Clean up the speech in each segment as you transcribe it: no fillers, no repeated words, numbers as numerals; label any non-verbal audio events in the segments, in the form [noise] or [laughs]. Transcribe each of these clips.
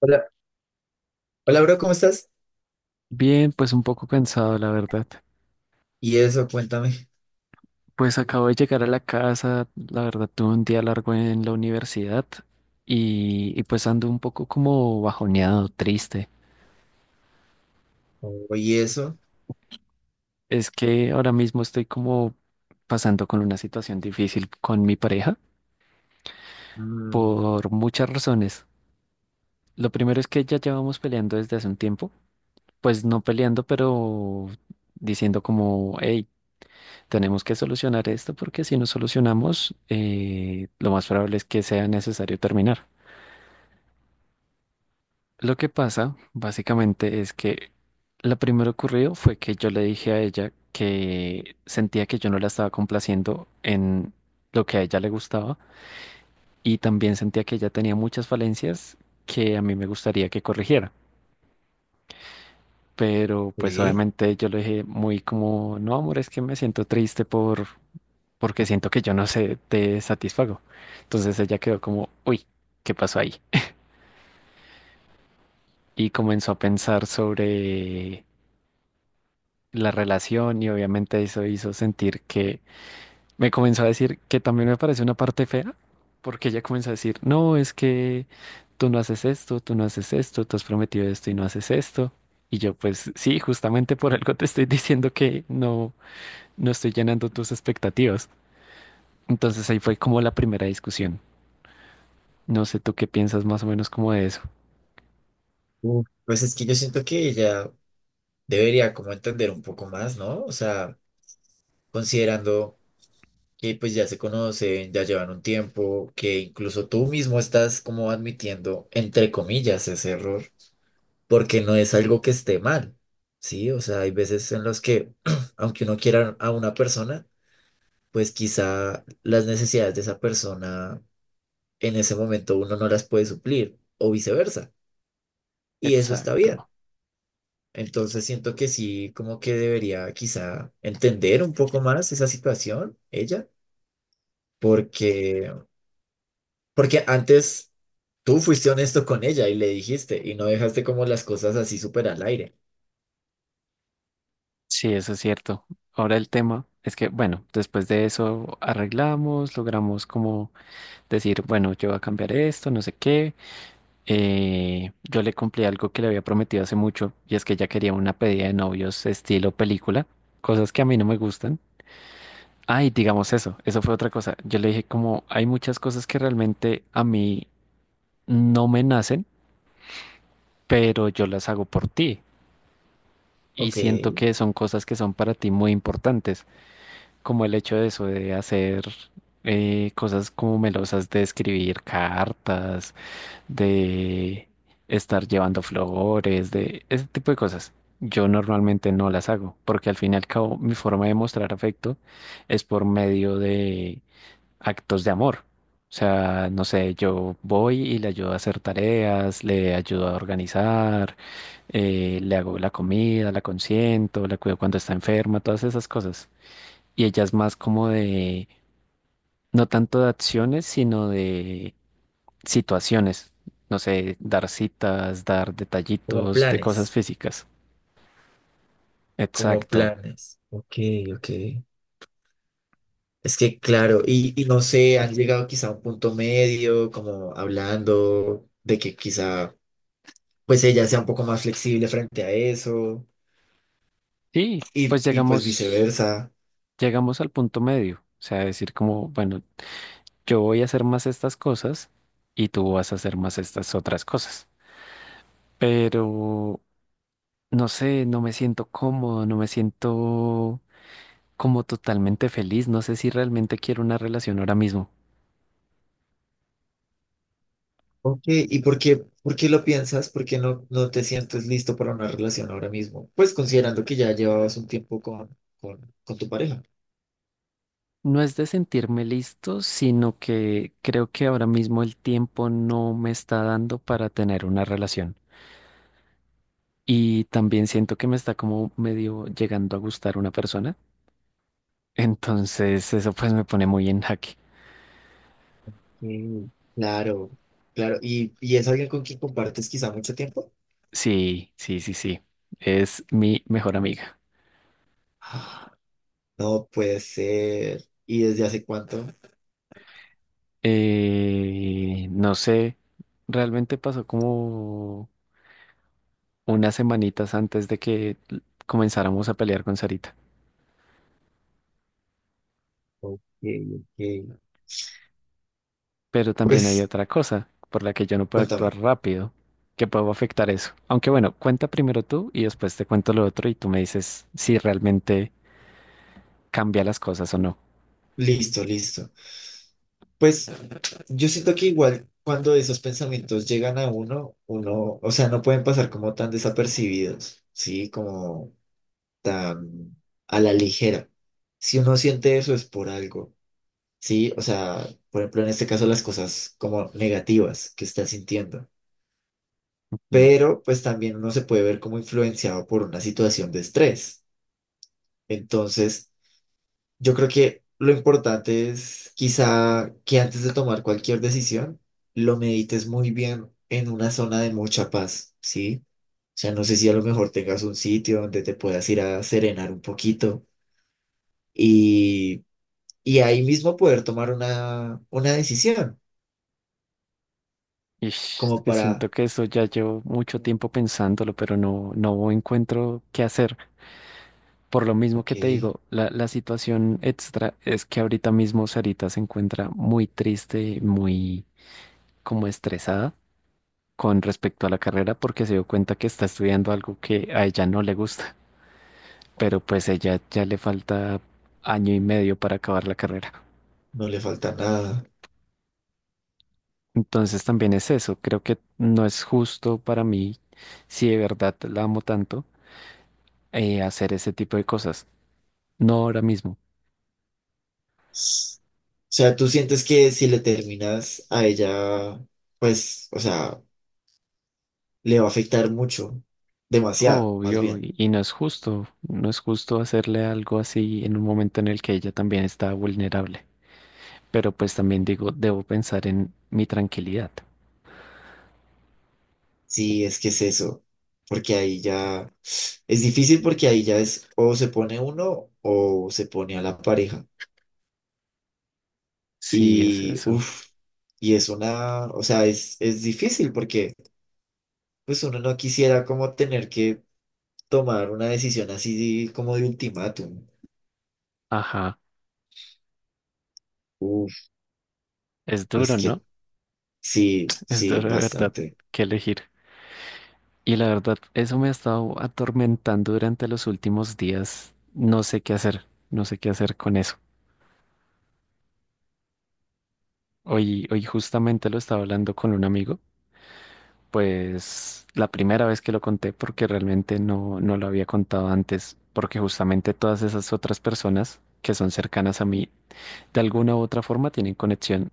Hola, hola, bro, ¿cómo estás? Bien, pues un poco cansado, la verdad. Y eso, cuéntame. Pues acabo de llegar a la casa, la verdad tuve un día largo en la universidad y pues ando un poco como bajoneado, triste. Oye, eso. Es que ahora mismo estoy como pasando con una situación difícil con mi pareja Mm, por muchas razones. Lo primero es que ya llevamos peleando desde hace un tiempo, pues no peleando, pero diciendo como, hey, tenemos que solucionar esto porque si no solucionamos, lo más probable es que sea necesario terminar. Lo que pasa, básicamente, es que lo primero ocurrido fue que yo le dije a ella que sentía que yo no la estaba complaciendo en lo que a ella le gustaba y también sentía que ella tenía muchas falencias que a mí me gustaría que corrigiera. Pero pues ok. obviamente yo le dije muy como, no, amor, es que me siento triste porque siento que yo no sé, te satisfago. Entonces ella quedó como, uy, ¿qué pasó ahí? Y comenzó a pensar sobre la relación y obviamente eso hizo sentir que me comenzó a decir que también me parece una parte fea, porque ella comenzó a decir, no, es que tú no haces esto, tú no haces esto, tú has prometido esto y no haces esto. Y yo pues sí, justamente por algo te estoy [laughs] diciendo que no, no estoy llenando tus expectativas. Entonces ahí fue como la primera discusión. No sé tú qué piensas más o menos como de eso. Uf, pues es que yo siento que ella debería como entender un poco más, ¿no? O sea, considerando que pues ya se conocen, ya llevan un tiempo, que incluso tú mismo estás como admitiendo, entre comillas, ese error, porque no es algo que esté mal, ¿sí? O sea, hay veces en los que, [clears throat] aunque uno quiera a una persona, pues quizá las necesidades de esa persona en ese momento uno no las puede suplir o viceversa. Y eso está bien. Exacto. Entonces siento que sí, como que debería quizá entender un poco más esa situación, ella, porque, porque antes tú fuiste honesto con ella y le dijiste y no dejaste como las cosas así súper al aire. Sí, eso es cierto. Ahora el tema es que, bueno, después de eso arreglamos, logramos como decir, bueno, yo voy a cambiar esto, no sé qué. Yo le cumplí algo que le había prometido hace mucho y es que ella quería una pedida de novios estilo película, cosas que a mí no me gustan. Ay, digamos eso, eso fue otra cosa. Yo le dije como hay muchas cosas que realmente a mí no me nacen, pero yo las hago por ti. Y Ok, siento que son cosas que son para ti muy importantes, como el hecho de eso, de hacer cosas como melosas, de escribir cartas, de estar llevando flores, de ese tipo de cosas. Yo normalmente no las hago, porque al fin y al cabo mi forma de mostrar afecto es por medio de actos de amor. O sea, no sé, yo voy y le ayudo a hacer tareas, le ayudo a organizar le hago la comida, la consiento, la cuido cuando está enferma, todas esas cosas. Y ella es más como de, no tanto de acciones, sino de situaciones. No sé, dar citas, dar como detallitos de cosas planes, físicas. como Exacto. planes. Ok, ok. Es que claro, y no sé, han llegado quizá a un punto medio, como hablando de que quizá pues ella sea un poco más flexible frente a eso Y y, pues y pues llegamos, viceversa. llegamos al punto medio. O sea, decir como, bueno, yo voy a hacer más estas cosas y tú vas a hacer más estas otras cosas. Pero, no sé, no me siento cómodo, no me siento como totalmente feliz. No sé si realmente quiero una relación ahora mismo. Ok, ¿y por qué lo piensas? ¿Por qué no, no te sientes listo para una relación ahora mismo? Pues considerando que ya llevabas un tiempo con tu pareja. No es de sentirme listo, sino que creo que ahora mismo el tiempo no me está dando para tener una relación. Y también siento que me está como medio llegando a gustar una persona. [laughs] Entonces eso pues me pone muy en jaque. Mm, claro, claro. Y es alguien con quien compartes quizá mucho tiempo? Sí, sí, sí, sí. Es mi mejor amiga. Ah, no puede ser. ¿Y desde hace cuánto? No sé, realmente pasó como unas semanitas antes de que comenzáramos a pelear con Sarita. Ok, ok. Pero también hay Pues otra cosa por la que yo no puedo actuar cuéntame. rápido, que puedo afectar eso. Aunque bueno, cuenta primero tú y después te cuento lo otro y tú me dices si realmente cambia las cosas o no. Listo, listo. Pues yo siento que igual cuando esos pensamientos llegan a uno, o sea, no pueden pasar como tan desapercibidos, ¿sí? Como tan a la ligera. Si uno siente eso es por algo, ¿sí? O sea, por ejemplo, en este caso las cosas como negativas que está sintiendo. Mm. Pero pues también uno se puede ver como influenciado por una situación de estrés. Entonces... yo creo que lo importante es quizá que antes de tomar cualquier decisión, lo medites muy bien en una zona de mucha paz, ¿sí? O sea, no sé si a lo mejor tengas un sitio donde te puedas ir a serenar un poquito y, y ahí mismo poder tomar una decisión, Ish, es como que para, siento que eso ya llevo mucho tiempo pensándolo, pero no, no encuentro qué hacer. Por lo mismo ok, que te digo, la situación extra es que ahorita mismo Sarita se encuentra muy triste, muy como estresada con respecto a la carrera porque se dio cuenta que está estudiando algo que a ella no le gusta, pero pues ella ya le falta año y medio para acabar la carrera. no le falta nada. Entonces también es eso, creo que no es justo para mí, si de verdad la amo tanto, hacer ese tipo de cosas, no ahora mismo. S- o sea, tú sientes que si le terminas a ella, pues, o sea, le va a afectar mucho, demasiado, más Obvio, bien. y no es justo, no es justo hacerle algo así en un momento en el que ella también está vulnerable. Pero pues también digo, debo pensar en mi tranquilidad. Sí, es que es eso, porque ahí ya es difícil porque ahí ya es o se pone uno o se pone a la pareja. Sí, es Y eso. uff, y es una, o sea, es difícil porque pues uno no quisiera como tener que tomar una decisión así como de ultimátum. Ajá. Uff, Es duro, pues ¿no? que sí, Es sí, duro de verdad bastante. que elegir. Y la verdad, eso me ha estado atormentando durante los últimos días. No sé qué hacer, no sé qué hacer con eso. Hoy, hoy justamente lo estaba hablando con un amigo, pues la primera vez que lo conté porque realmente no, no lo había contado antes, porque justamente todas esas otras personas que son cercanas a mí, de alguna u otra forma tienen conexión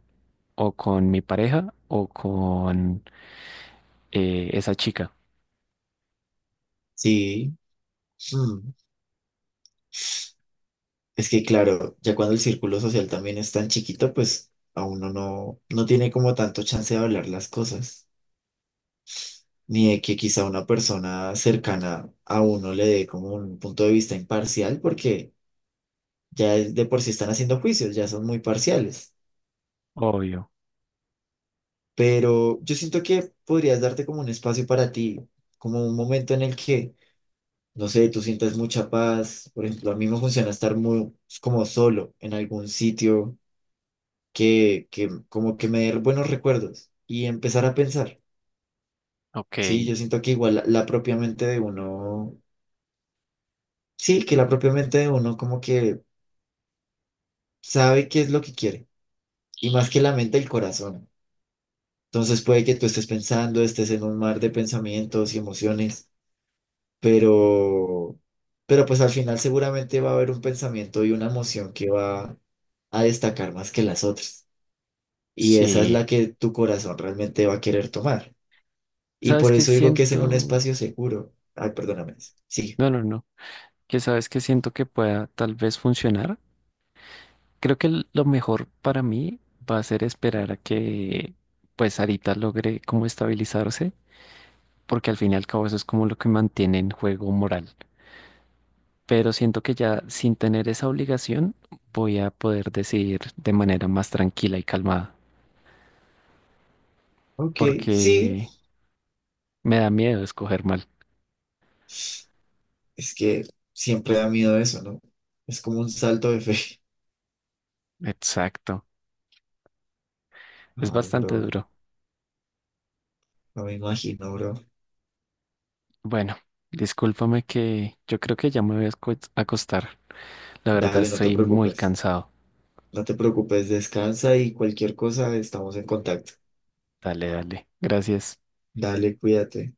o con mi pareja o con esa chica. Sí, mm, es que claro, ya cuando el círculo social también es tan chiquito, pues a uno no, no tiene como tanto chance de hablar las cosas. Ni de que quizá una persona cercana a uno le dé como un punto de vista imparcial, porque ya es- de por sí están haciendo juicios, ya son muy parciales. Obvio. Pero yo siento que podrías darte como un espacio para ti, como un momento en el que, no sé, tú sientas mucha paz. Por ejemplo, a mí me funciona estar muy pues, como solo en algún sitio que como que me dé buenos recuerdos y empezar a pensar. Ok. Sí, yo siento que igual la propia mente de uno, sí, que la propia mente de uno como que sabe qué es lo que quiere, y más que la mente, el corazón. Entonces puede que tú estés pensando, estés en un mar de pensamientos y emociones, pero, pero pues al final seguramente va a haber un pensamiento y una emoción que va a destacar más que las otras. Y esa es Sí, la que tu corazón realmente va a querer tomar. Y ¿sabes por qué eso digo que es en un siento? espacio seguro. Ay, perdóname. Sí. No, no, no. ¿Qué sabes qué siento que pueda tal vez funcionar? Creo que lo mejor para mí va a ser esperar a que pues Arita logre como estabilizarse, porque al fin y al cabo eso es como lo que mantiene en juego moral. Pero siento que ya sin tener esa obligación voy a poder decidir de manera más tranquila y calmada, Ok, sí. porque me da miedo escoger mal. Es que siempre da miedo eso, ¿no? Es como un salto de fe. Exacto. [laughs] Es Ay, bastante bro. duro. No me imagino, bro. Bueno, discúlpame que yo creo que ya me voy a acostar. La verdad Dale, no te estoy muy preocupes. cansado. No te preocupes, descansa y cualquier cosa estamos en contacto. Dale, dale. Gracias. Dale, cuídate.